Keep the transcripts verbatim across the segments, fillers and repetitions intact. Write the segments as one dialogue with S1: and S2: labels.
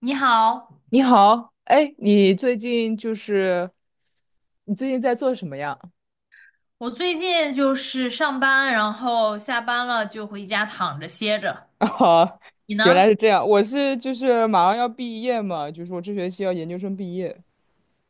S1: 你好，
S2: 你好，哎，你最近就是你最近在做什么呀？
S1: 我最近就是上班，然后下班了就回家躺着歇着。
S2: 啊，
S1: 你
S2: 原来
S1: 呢？
S2: 是这样，我是就是马上要毕业嘛，就是我这学期要研究生毕业，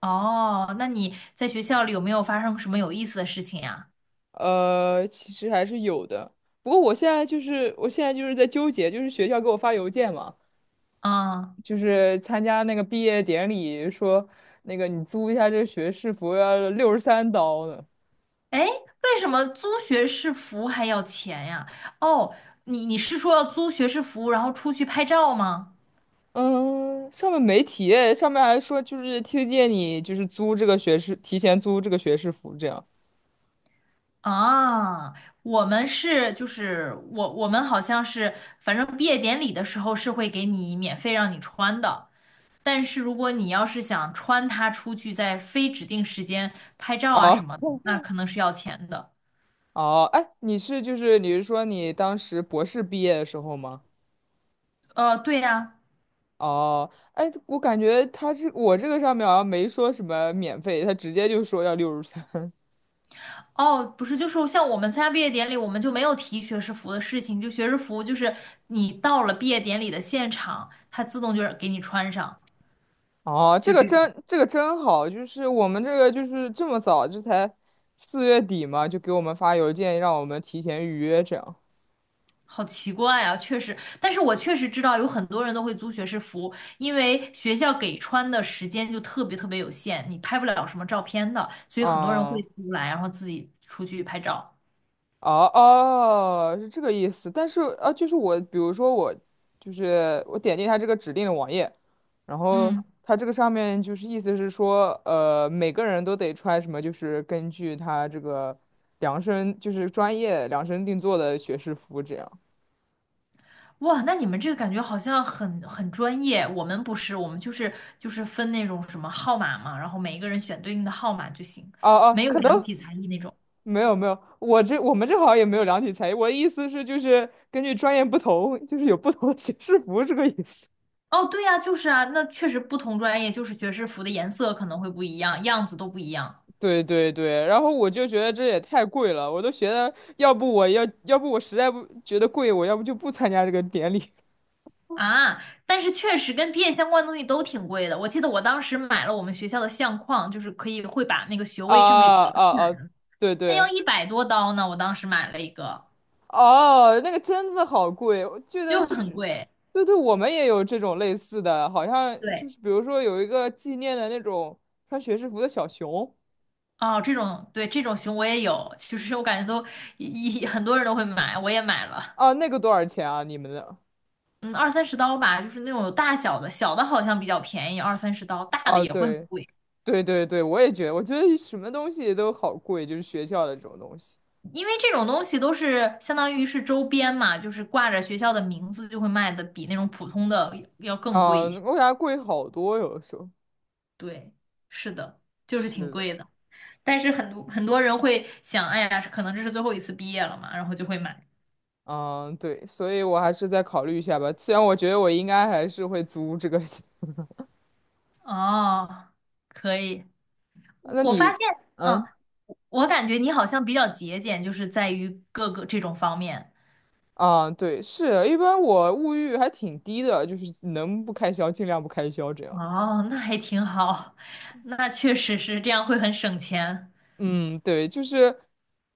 S1: 哦，那你在学校里有没有发生什么有意思的事情呀？
S2: 呃，其实还是有的，不过我现在就是我现在就是在纠结，就是学校给我发邮件嘛，
S1: 啊，
S2: 就是参加那个毕业典礼，说那个你租一下这个学士服要六十三刀呢。
S1: 哎，为什么租学士服还要钱呀？哦，你你是说要租学士服，然后出去拍照吗？
S2: 嗯，上面没提诶，上面还说就是推荐你就是租这个学士，提前租这个学士服这样。
S1: 啊，我们是就是我我们好像是，反正毕业典礼的时候是会给你免费让你穿的。但是如果你要是想穿它出去，在非指定时间拍照啊
S2: 哦
S1: 什么的，那可能是要钱的。
S2: 哦，哎，你是就是你是说你当时博士毕业的时候吗？
S1: 呃，对呀，
S2: 哦，哎，我感觉他这我这个上面好像没说什么免费，他直接就说要六十三。
S1: 哦，不是，就是像我们参加毕业典礼，我们就没有提学士服的事情，就学士服就是你到了毕业典礼的现场，它自动就是给你穿上，
S2: 哦，这
S1: 就
S2: 个
S1: 这种。
S2: 真这个真好，就是我们这个就是这么早，这才四月底嘛，就给我们发邮件让我们提前预约这样。
S1: 好奇怪啊，确实，但是我确实知道有很多人都会租学士服，因为学校给穿的时间就特别特别有限，你拍不了什么照片的，所以很多人会
S2: 啊。
S1: 租来，然后自己出去拍照。
S2: 哦哦，是这个意思。但是啊，就是我，比如说我，就是我点进他这个指定的网页，然后
S1: 嗯，
S2: 他这个上面就是意思是说，呃，每个人都得穿什么，就是根据他这个量身，就是专业量身定做的学士服这样。
S1: 哇，那你们这个感觉好像很很专业，我们不是，我们就是就是分那种什么号码嘛，然后每一个人选对应的号码就行，
S2: 哦哦，
S1: 没有
S2: 可能
S1: 量体裁衣那种。
S2: 没有没有，我这我们这好像也没有量体裁衣。我的意思是，就是根据专业不同，就是有不同的学士服这个意思。
S1: 哦，对呀，就是啊，那确实不同专业就是学士服的颜色可能会不一样，样子都不一样
S2: 对对对，然后我就觉得这也太贵了，我都觉得要不我要要不我实在不觉得贵，我要不就不参加这个典礼。
S1: 啊。但是确实跟毕业相关的东西都挺贵的，我记得我当时买了我们学校的相框，就是可以会把那个学
S2: 啊
S1: 位证给裱起来，
S2: 啊啊！对
S1: 那要
S2: 对，
S1: 一百多刀呢，我当时买了一个，
S2: 哦，那个真的好贵，我记得
S1: 就
S2: 就
S1: 很
S2: 是，
S1: 贵。
S2: 对对，我们也有这种类似的，好像就
S1: 对。
S2: 是比如说有一个纪念的那种穿学士服的小熊
S1: 哦，这种，对，这种熊我也有，其实我感觉都一一很多人都会买，我也买了，
S2: 啊，那个多少钱啊？你们的？
S1: 嗯，二三十刀吧，就是那种有大小的，小的好像比较便宜，二三十刀，大的
S2: 啊，
S1: 也会很
S2: 对
S1: 贵，
S2: 对对对，我也觉得，我觉得什么东西都好贵，就是学校的这种东西。
S1: 因为这种东西都是相当于是周边嘛，就是挂着学校的名字就会卖的比那种普通的要更贵
S2: 啊，
S1: 一些，
S2: 为啥贵好多，有的时候。
S1: 对，是的，就是挺
S2: 是的，
S1: 贵的，但是很多很多人会想，哎呀，可能这是最后一次毕业了嘛，然后就会买，
S2: 嗯，对，所以我还是再考虑一下吧。虽然我觉得我应该还是会租这个，
S1: 哦，可以，我
S2: 那
S1: 我发
S2: 你，
S1: 现。嗯，
S2: 嗯，
S1: 我感觉你好像比较节俭，就是在于各个这种方面。
S2: 啊，对，是，一般我物欲还挺低的，就是能不开销尽量不开销这样。
S1: 哦，那还挺好，那确实是这样会很省钱。
S2: 嗯，对，就是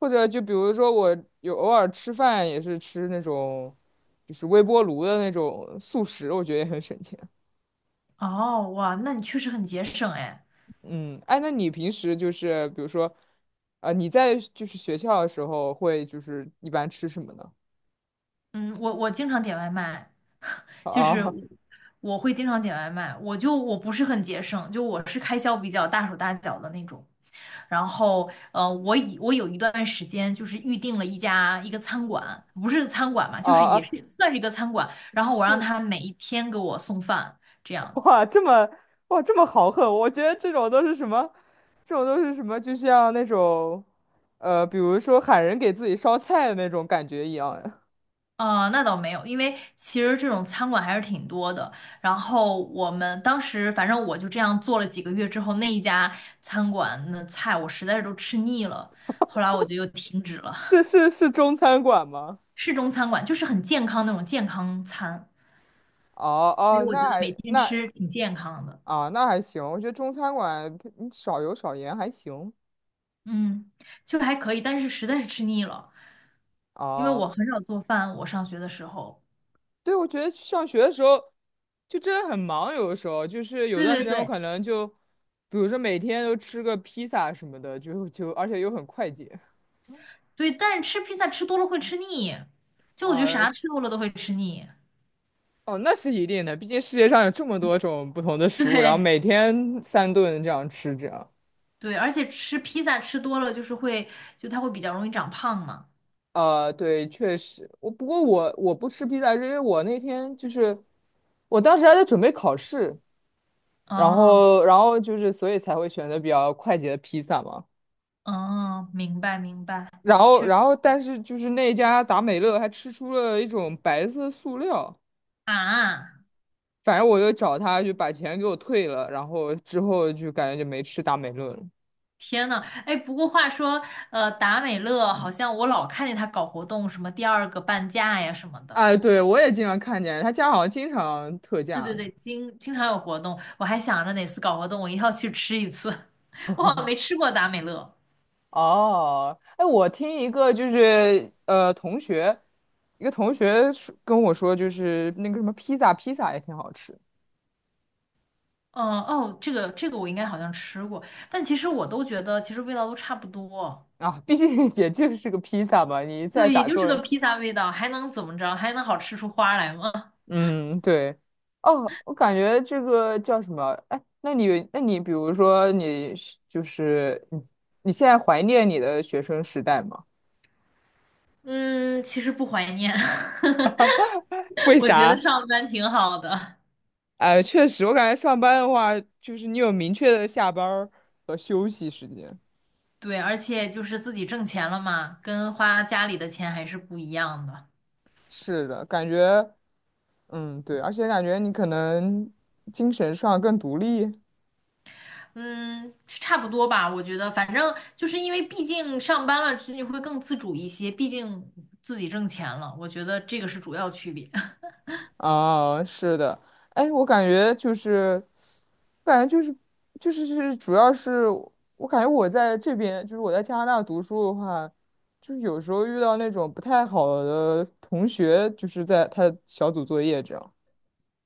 S2: 或者就比如说我有偶尔吃饭也是吃那种就是微波炉的那种速食，我觉得也很省钱。
S1: 哦，哇，那你确实很节省哎。
S2: 嗯，哎，那你平时就是比如说，啊，你在就是学校的时候会就是一般吃什么呢？
S1: 嗯，我我经常点外卖。就是我
S2: 啊
S1: 我会经常点外卖，我就我不是很节省，就我是开销比较大手大脚的那种。然后，呃，我以我有一段时间就是预定了一家一个餐馆，不是餐馆嘛，
S2: 啊
S1: 就是也
S2: 啊！
S1: 是算是一个餐馆。然后我让
S2: 是
S1: 他每一天给我送饭，这样 子。
S2: 哇，这么哇这么豪横，我觉得这种都是什么？这种都是什么？就像那种，呃，比如说喊人给自己烧菜的那种感觉一样呀。
S1: 呃，那倒没有，因为其实这种餐馆还是挺多的。然后我们当时反正我就这样做了几个月之后，那一家餐馆的菜我实在是都吃腻了，后来我就又停止了。
S2: 是是是，中餐馆吗？
S1: 市中餐馆，就是很健康那种健康餐，
S2: 哦
S1: 所以
S2: 哦，
S1: 我觉
S2: 那
S1: 得每
S2: 还
S1: 天
S2: 那
S1: 吃挺健康的，
S2: 啊那还行，我觉得中餐馆它你少油少盐还行。
S1: 嗯，就还可以，但是实在是吃腻了，因为
S2: 哦。
S1: 我很少做饭，我上学的时候，
S2: 对，我觉得上学的时候就真的很忙，有的时候就是有
S1: 对
S2: 段时
S1: 对
S2: 间我
S1: 对
S2: 可能就，比如说每天都吃个披萨什么的，就就而且又很快捷
S1: 对，但是吃披萨吃多了会吃腻，就我觉得
S2: 啊，
S1: 啥吃多了都会吃腻，
S2: 哦，那是一定的，毕竟世界上有这么多种不同的食物，然后
S1: 对
S2: 每天三顿这样吃，着。样，
S1: 对，而且吃披萨吃多了就是会，就它会比较容易长胖嘛，
S2: 呃，对，确实，我不过我我不吃披萨，是因为我那天就是我当时还在准备考试，然
S1: 哦
S2: 后然后就是所以才会选择比较快捷的披萨嘛。
S1: 哦，明白明白，
S2: 然后，
S1: 确实
S2: 然后，但是就是那家达美乐还吃出了一种白色塑料，
S1: 啊。
S2: 反正我又找他就把钱给我退了，然后之后就感觉就没吃达美乐了。
S1: 天呐，哎，不过话说，呃，达美乐好像我老看见他搞活动，什么第二个半价呀什么的。
S2: 哎，对，我也经常看见他家好像经常特
S1: 对对
S2: 价。
S1: 对，经经常有活动，我还想着哪次搞活动我一定要去吃一次。我好像没吃过达美乐。
S2: 哦，哎，我听一个就是呃同学，一个同学说跟我说，就是那个什么披萨，披萨也挺好吃
S1: 嗯，哦，这个这个我应该好像吃过，但其实我都觉得其实味道都差不多。
S2: 啊，毕竟也就是个披萨嘛，你再
S1: 对，也
S2: 咋
S1: 就是
S2: 做，
S1: 个披萨味道，还能怎么着？还能好吃出花来吗？
S2: 嗯，对。哦，我感觉这个叫什么？哎，那你，那你，比如说你是就是你，你现在怀念你的学生时代吗？
S1: 嗯，其实不怀念，
S2: 为
S1: 我觉得
S2: 啥？
S1: 上班挺好的。
S2: 哎，确实，我感觉上班的话，就是你有明确的下班儿和休息时间。
S1: 对，而且就是自己挣钱了嘛，跟花家里的钱还是不一样的。
S2: 是的，感觉，嗯，对，而且感觉你可能精神上更独立。
S1: 嗯，差不多吧，我觉得，反正就是因为毕竟上班了，就你会更自主一些，毕竟自己挣钱了，我觉得这个是主要区别。
S2: 啊，是的，哎，我感觉就是，感觉就是就是是，主要是我感觉我在这边，就是我在加拿大读书的话，就是有时候遇到那种不太好的同学，就是在他小组作业这样。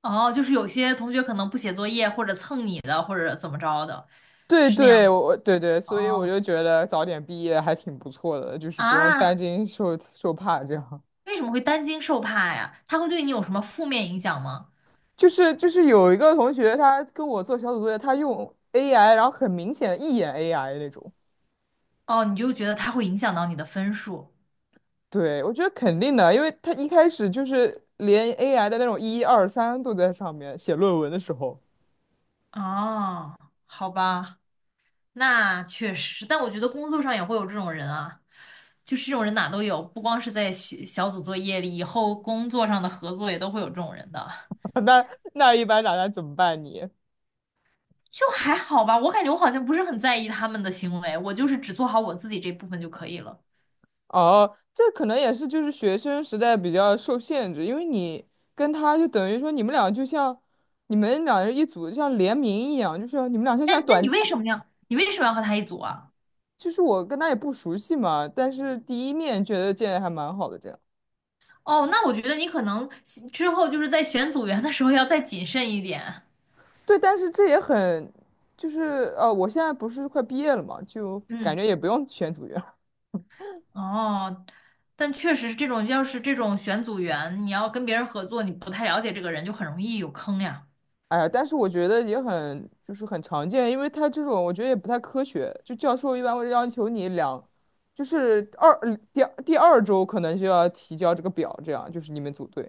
S1: 哦，就是有些同学可能不写作业，或者蹭你的，或者怎么着的，
S2: 对
S1: 是那样
S2: 对，
S1: 吗
S2: 我对对，所以我
S1: 哦，
S2: 就觉得早点毕业还挺不错的，就是不用担
S1: 啊，
S2: 惊受受怕这样。
S1: 为什么会担惊受怕呀？他会对你有什么负面影响吗？
S2: 就是就是有一个同学，他跟我做小组作业，他用 A I，然后很明显一眼 A I 那种。
S1: 哦，你就觉得他会影响到你的分数。
S2: 对，我觉得肯定的啊，因为他一开始就是连 A I 的那种一二三都在上面写论文的时候，
S1: 哦，好吧。那确实，但我觉得工作上也会有这种人啊，就是这种人哪都有，不光是在学小组作业里，以后工作上的合作也都会有这种人的。
S2: 那那一般大家怎么办你？
S1: 就还好吧，我感觉我好像不是很在意他们的行为，我就是只做好我自己这部分就可以了。
S2: 哦，这可能也是就是学生时代比较受限制，因为你跟他就等于说你们俩就像你们俩人一组，就像联名一样，就是你们俩就
S1: 那
S2: 像
S1: 那你
S2: 短，
S1: 为什么要你为什么要和他一组啊？
S2: 就是我跟他也不熟悉嘛，但是第一面觉得见的还蛮好的这样。
S1: 哦，那我觉得你可能之后就是在选组员的时候要再谨慎一点。
S2: 对，但是这也很，就是呃，我现在不是快毕业了嘛，就感
S1: 嗯。
S2: 觉也不用选组员。
S1: 哦，但确实是这种，要是这种选组员，你要跟别人合作，你不太了解这个人，就很容易有坑呀。
S2: 哎呀，但是我觉得也很，就是很常见，因为他这种我觉得也不太科学。就教授一般会要求你两，就是二嗯第二第二周可能就要提交这个表，这样就是你们组队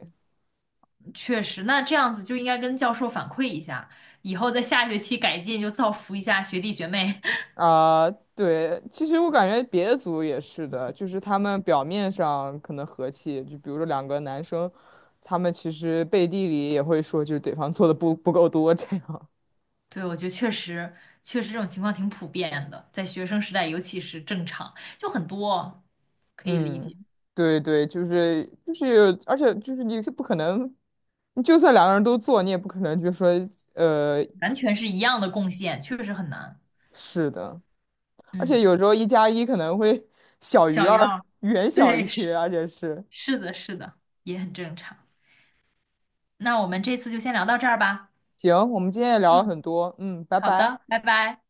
S1: 确实，那这样子就应该跟教授反馈一下，以后在下学期改进，就造福一下学弟学妹。
S2: 啊。对，其实我感觉别的组也是的，就是他们表面上可能和气，就比如说两个男生，他们其实背地里也会说，就是对方做的不不够多这样。
S1: 对，我觉得确实，确实这种情况挺普遍的，在学生时代尤其是正常，就很多可以理
S2: 嗯，
S1: 解，
S2: 对对，就是就是，而且就是你不可能，你就算两个人都做，你也不可能就说呃
S1: 完全是一样的贡献，确实很难。
S2: 是的，而且
S1: 嗯，
S2: 有时候一加一可能会小于
S1: 小于
S2: 二，
S1: 二，
S2: 远小于，
S1: 对，是
S2: 而且是
S1: 是的，是的，也很正常。那我们这次就先聊到这儿吧。
S2: 行，我们今天也聊了
S1: 嗯。
S2: 很多，嗯，拜
S1: 好
S2: 拜。
S1: 的，拜拜。